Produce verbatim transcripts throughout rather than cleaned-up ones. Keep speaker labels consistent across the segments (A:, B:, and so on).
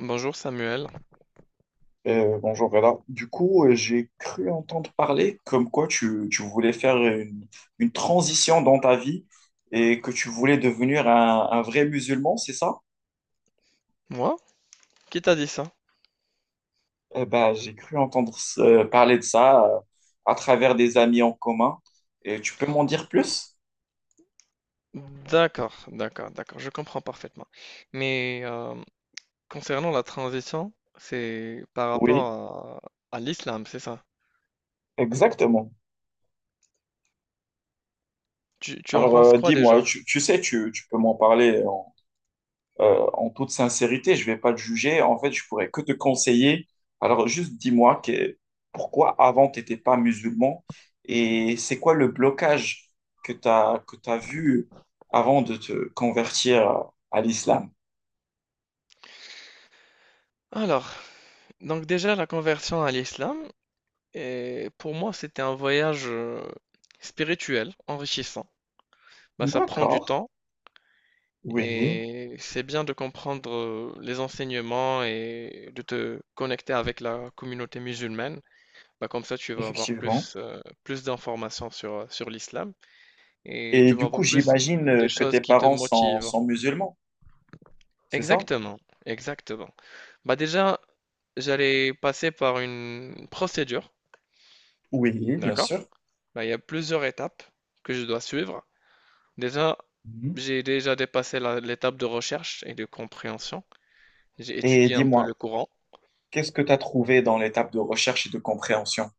A: Bonjour Samuel.
B: Euh, bonjour Reda. Du coup, euh, j'ai cru entendre parler comme quoi tu, tu voulais faire une, une transition dans ta vie et que tu voulais devenir un, un vrai musulman, c'est ça?
A: Moi? Qui t'a dit ça?
B: Eh ben, j'ai cru entendre ce- parler de ça euh, à travers des amis en commun. Et tu peux m'en dire plus?
A: D'accord, d'accord, d'accord, je comprends parfaitement. Mais euh, concernant la transition, c'est par
B: Oui,
A: rapport à, à l'islam, c'est ça?
B: exactement.
A: Tu, tu en
B: Alors,
A: penses
B: euh,
A: quoi
B: dis-moi,
A: déjà?
B: tu, tu sais, tu, tu peux m'en parler. Euh, en toute sincérité, je ne vais pas te juger. En fait, je pourrais que te conseiller. Alors, juste dis-moi que- pourquoi avant, tu n'étais pas musulman et c'est quoi le blocage que tu as, que tu as vu avant de te convertir à l'islam?
A: Alors, donc déjà la conversion à l'islam, et pour moi c'était un voyage euh, spirituel, enrichissant. Bah, ça prend du
B: D'accord,
A: temps
B: oui,
A: et c'est bien de comprendre euh, les enseignements et de te connecter avec la communauté musulmane. Bah, comme ça, tu vas avoir
B: effectivement.
A: plus, euh, plus d'informations sur, euh, sur l'islam et
B: Et
A: tu vas
B: du coup,
A: avoir plus
B: j'imagine euh,
A: des
B: que
A: choses
B: tes
A: qui te
B: parents sont,
A: motivent.
B: sont musulmans, c'est ça?
A: Exactement, exactement. Bah déjà, j'allais passer par une procédure,
B: Oui, bien
A: d'accord?
B: sûr.
A: Bah, il y a plusieurs étapes que je dois suivre. Déjà,
B: Mhm.
A: j'ai déjà dépassé la- l'étape de recherche et de compréhension. J'ai
B: Et
A: étudié un peu le
B: dis-moi,
A: Coran.
B: qu'est-ce que tu as trouvé dans l'étape de recherche et de compréhension?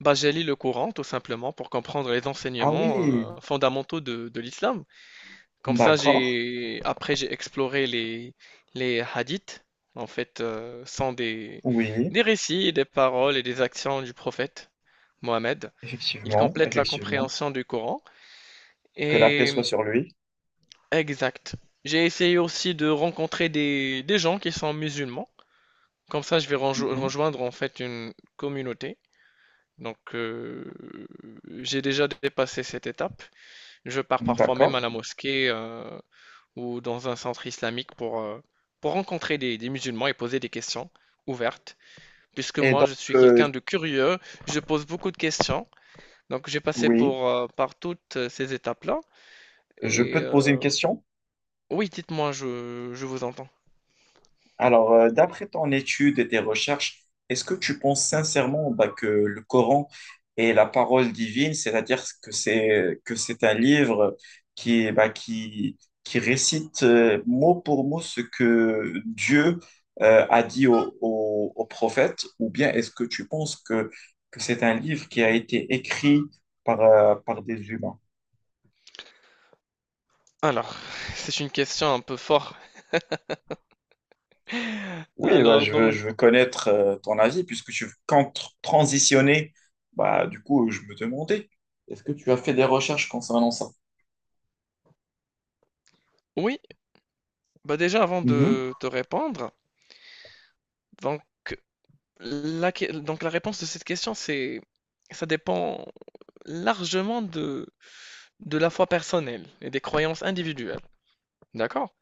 A: Bah, j'ai lu le Coran tout simplement pour comprendre les
B: Ah
A: enseignements
B: oui,
A: euh, fondamentaux de, de l'islam. Comme ça,
B: d'accord.
A: j'ai après j'ai exploré les les hadiths. En fait, euh, sont des
B: Oui,
A: des récits, et des paroles et des actions du prophète Mohammed. Ils
B: effectivement,
A: complètent la
B: effectivement.
A: compréhension du Coran.
B: Que la paix soit
A: Et
B: sur lui.
A: exact. J'ai essayé aussi de rencontrer des des gens qui sont musulmans. Comme ça, je vais renjo- rejoindre en fait une communauté. Donc, euh, j'ai déjà dépassé cette étape. Je pars
B: Mhm.
A: parfois
B: D'accord.
A: même à la mosquée. euh, ou dans un centre islamique pour, euh, pour rencontrer des, des musulmans et poser des questions ouvertes. Puisque
B: Et
A: moi,
B: donc,
A: je suis
B: euh,
A: quelqu'un de curieux, je pose beaucoup de questions. Donc, j'ai passé
B: oui,
A: pour, euh, par toutes ces étapes-là.
B: je
A: Et
B: peux te poser une
A: euh,
B: question?
A: oui, dites-moi, je, je vous entends.
B: Alors, euh, d'après ton étude et tes recherches, est-ce que tu penses sincèrement bah, que le Coran est la parole divine, c'est-à-dire que c'est que c'est un livre qui bah, qui qui récite euh, mot pour mot ce que Dieu euh, a dit au, au, au prophète, ou bien est-ce que tu penses que que c'est un livre qui a été écrit par euh, par des humains?
A: Alors, c'est une question un peu forte.
B: Oui, bah,
A: Alors,
B: je veux,
A: donc,
B: je veux connaître euh, ton avis puisque tu comptes tr- transitionner. Bah, du coup, je me demandais, est-ce que tu as fait des recherches concernant ça?
A: oui, bah déjà, avant
B: Mhm.
A: de te répondre, donc, la, que- donc la réponse de cette question, c'est, ça dépend largement de De la foi personnelle et des croyances individuelles, d'accord?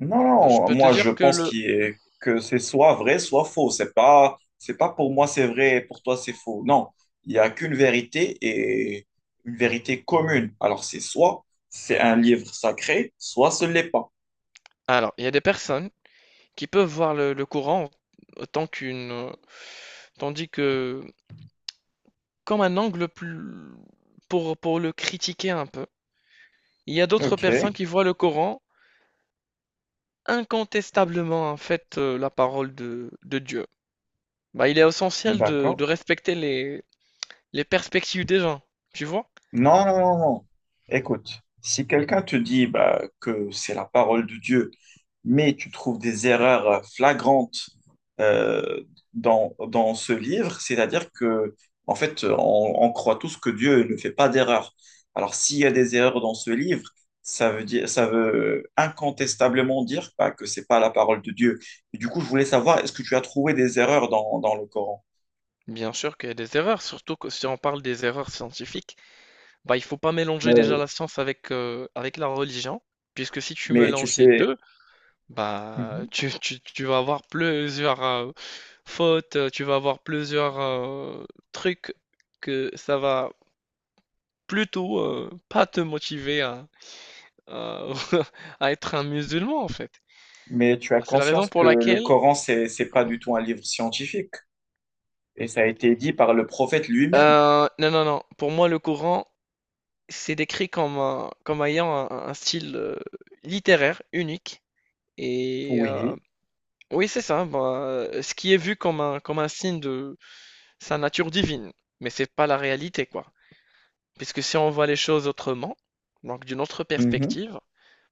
B: Non,
A: Ben, je
B: non,
A: peux te
B: moi je
A: dire que
B: pense
A: le
B: qu'il est- que c'est soit vrai, soit faux. C'est pas, c'est pas pour moi c'est vrai et pour toi c'est faux. Non, il n'y a qu'une vérité et une vérité commune. Alors c'est soit c'est un livre sacré, soit ce l'est pas.
A: alors, il y a des personnes qui peuvent voir le le courant autant qu'une, heu, tandis que comme un angle plus pour pour le critiquer un peu. Il y a d'autres
B: Ok,
A: personnes qui voient le Coran incontestablement, en fait, heu, la parole de de Dieu. Bah, il est essentiel de
B: d'accord.
A: de respecter les les perspectives des gens, tu vois?
B: Non, non, non, non. Écoute, si quelqu'un te dit bah, que c'est la parole de Dieu, mais tu trouves des erreurs euh, flagrantes euh, dans, dans ce livre, c'est-à-dire que, en fait, on, on croit tous que Dieu ne fait pas d'erreurs. Alors, s'il y a des erreurs dans ce livre, ça veut dire, ça veut incontestablement dire bah, que c'est pas la parole de Dieu. Et du coup, je voulais savoir, est-ce que tu as trouvé des erreurs dans, dans le Coran?
A: Bien sûr qu'il y a des erreurs, surtout que si on parle des erreurs scientifiques. Bah, il faut pas mélanger déjà
B: Ben,
A: la science avec, euh, avec la religion, puisque si tu
B: mais tu
A: mélanges les
B: sais.
A: deux, bah, tu, tu- tu vas avoir plusieurs euh, fautes, euh, tu vas avoir plusieurs euh, trucs que ça va plutôt euh, pas te motiver à, à- à être un musulman, en fait.
B: Mais tu as
A: Bah, c'est la raison
B: conscience
A: pour
B: que le
A: laquelle...
B: Coran, c'est, c'est pas du tout un livre scientifique. Et ça a été dit par le prophète lui-même.
A: euh, non, non, non, pour moi, le Coran, c'est décrit comme, un- comme ayant un, un style euh, littéraire unique. Et euh,
B: Oui,
A: oui, c'est ça. Bah, euh, ce qui est vu comme un, comme un signe de sa nature divine. Mais c'est pas la réalité, quoi. Puisque si on voit les choses autrement, donc d'une autre
B: mhm,
A: perspective,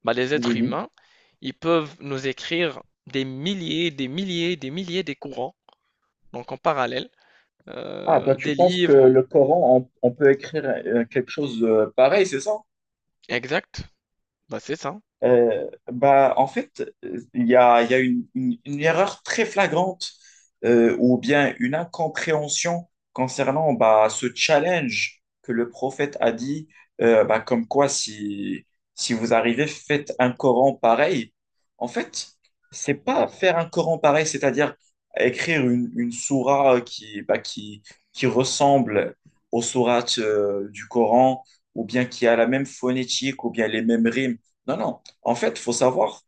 A: bah, les êtres
B: oui.
A: humains, ils peuvent nous écrire des milliers, des milliers, des milliers des courants, donc en parallèle,
B: Ah, toi,
A: euh,
B: tu
A: des
B: penses que
A: livres.
B: le Coran, on, on peut écrire euh, quelque chose de pareil, c'est ça?
A: Exact. Bah, c'est ça.
B: Euh, bah, en fait, euh, il y a, il y a une, une- une erreur très flagrante euh, ou bien une incompréhension concernant bah, ce challenge que le prophète a dit, euh, bah, comme quoi si, si vous arrivez, faites un Coran pareil. En fait, c'est pas faire un Coran pareil, c'est-à-dire écrire une, une sourate qui, bah, qui, qui ressemble aux sourates euh, du Coran ou bien qui a la même phonétique ou bien les mêmes rimes. Non, non. En fait, il faut savoir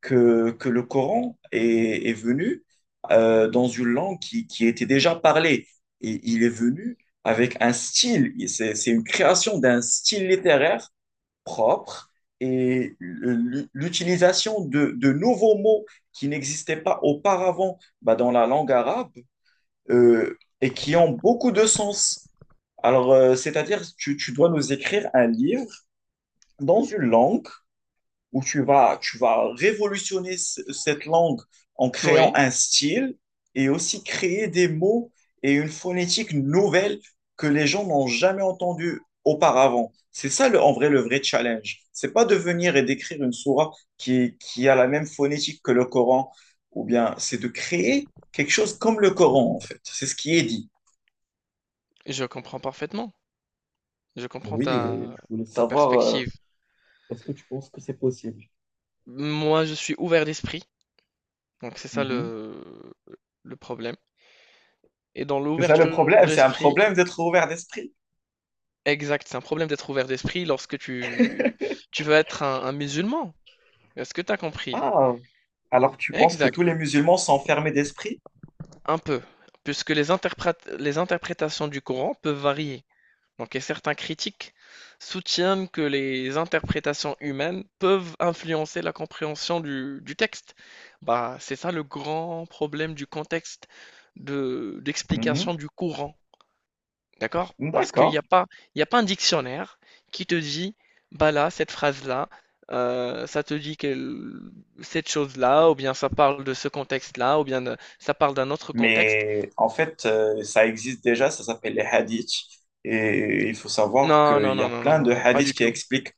B: que, que le Coran est, est venu euh, dans une langue qui, qui était déjà parlée. Et il est venu avec un style, c'est c'est une création d'un style littéraire propre et l'utilisation de, de nouveaux mots qui n'existaient pas auparavant bah, dans la langue arabe euh, et qui ont beaucoup de sens. Alors, euh, c'est-à-dire, tu, tu dois nous écrire un livre dans une langue où tu vas, tu vas révolutionner ce- cette langue en créant
A: Oui,
B: un style et aussi créer des mots et une phonétique nouvelle que les gens n'ont jamais entendu auparavant. C'est ça le, en vrai le vrai challenge. C'est pas de venir et d'écrire une sourate qui, qui a la même phonétique que le Coran, ou bien c'est de créer quelque chose comme le Coran en fait. C'est ce qui est dit.
A: je comprends parfaitement. Je comprends
B: Oui, et
A: ta,
B: je voulais
A: ta
B: savoir, euh,
A: perspective.
B: est-ce que tu penses que c'est possible?
A: Moi, je suis ouvert d'esprit. Donc c'est ça
B: Mhm.
A: le, le problème. Et dans
B: C'est ça le
A: l'ouverture
B: problème, c'est un
A: d'esprit,
B: problème d'être ouvert d'esprit.
A: exact, c'est un problème d'être ouvert d'esprit lorsque tu, tu veux être un, un musulman. Est-ce que tu as compris?
B: Ah, alors tu penses que tous
A: Exact,
B: les musulmans sont fermés d'esprit?
A: un peu. Puisque les interprét- les interprétations du Coran peuvent varier. Donc, et certains critiques soutiennent que les interprétations humaines peuvent influencer la compréhension du, du texte. Bah, c'est ça le grand problème du contexte de, d'explication du Coran. D'accord?
B: Mhm.
A: Parce qu'il n'y
B: D'accord.
A: a pas, il y a pas un dictionnaire qui te dit, bah là, cette phrase-là, euh, ça te dit que cette chose-là, ou bien ça parle de ce contexte-là, ou bien de- ça parle d'un autre contexte.
B: Mais en fait, euh, ça existe déjà, ça s'appelle les hadiths. Et il faut savoir
A: Non,
B: qu'il
A: non,
B: y
A: non,
B: a
A: non, non,
B: plein
A: non,
B: de
A: non, pas du
B: hadiths qui
A: tout.
B: expliquent.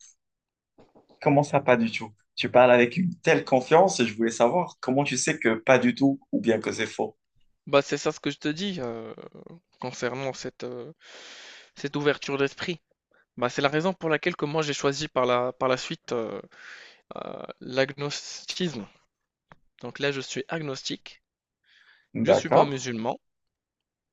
B: Comment ça, pas du tout? Tu parles avec une telle confiance et je voulais savoir comment tu sais que pas du tout ou bien que c'est faux.
A: Bah, c'est ça ce que je te dis euh, concernant cette, euh, cette ouverture d'esprit. Bah, c'est la raison pour laquelle que moi j'ai choisi par la, par la suite euh, euh, l'agnosticisme. Donc là, je suis agnostique, je suis pas
B: D'accord,
A: musulman,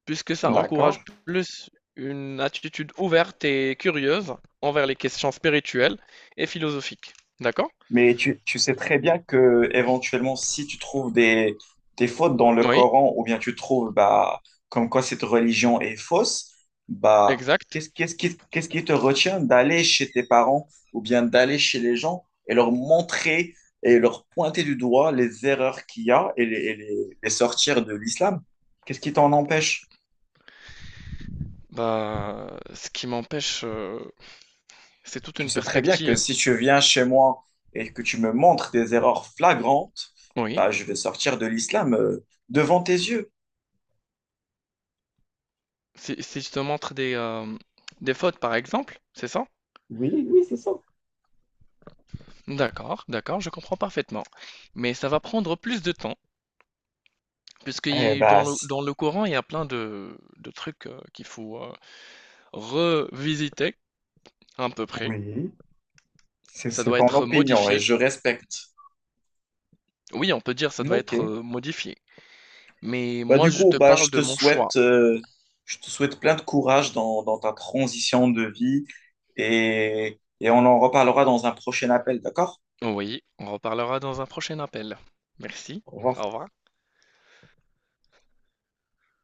A: puisque ça encourage
B: d'accord.
A: plus une attitude ouverte et curieuse envers les questions spirituelles et philosophiques. D'accord?
B: Mais tu, tu sais très bien que éventuellement, si tu trouves des, des fautes dans le
A: Oui,
B: Coran ou bien tu trouves bah, comme quoi cette religion est fausse, bah,
A: exact.
B: qu'est-ce, qu'est-ce qui, qu'est-ce qui te retient d'aller chez tes parents ou bien d'aller chez les gens et leur montrer et leur pointer du doigt les erreurs qu'il y a et les, et les les sortir de l'islam? Qu'est-ce qui t'en empêche?
A: Bah, ce qui m'empêche, euh, c'est toute
B: Je
A: une
B: sais très bien que
A: perspective.
B: si tu viens chez moi et que tu me montres des erreurs flagrantes,
A: Oui.
B: bah, je vais sortir de l'islam euh, devant tes yeux.
A: Si, si je te montre des, euh, des fautes, par exemple, c'est ça?
B: Oui, oui, c'est ça.
A: D'accord, d'accord, je comprends parfaitement. Mais ça va prendre plus de temps, puisque
B: Eh
A: y
B: bah,
A: dans le,
B: c-
A: dans le courant, il y a plein de, de trucs euh, qu'il faut euh, revisiter, à peu près.
B: oui, c'est
A: Ça
B: c'est
A: doit
B: ton
A: être
B: opinion et
A: modifié.
B: je respecte.
A: Oui, on peut dire ça doit
B: Ok.
A: être, heu, modifié. Mais
B: Bah,
A: moi,
B: du
A: je
B: coup,
A: te
B: bah, je
A: parle de
B: te
A: mon choix.
B: souhaite, euh, je te souhaite plein de courage dans, dans ta transition de vie et, et on en reparlera dans un prochain appel, d'accord?
A: Oui, on reparlera dans un prochain appel. Merci,
B: Au
A: au
B: revoir.
A: revoir.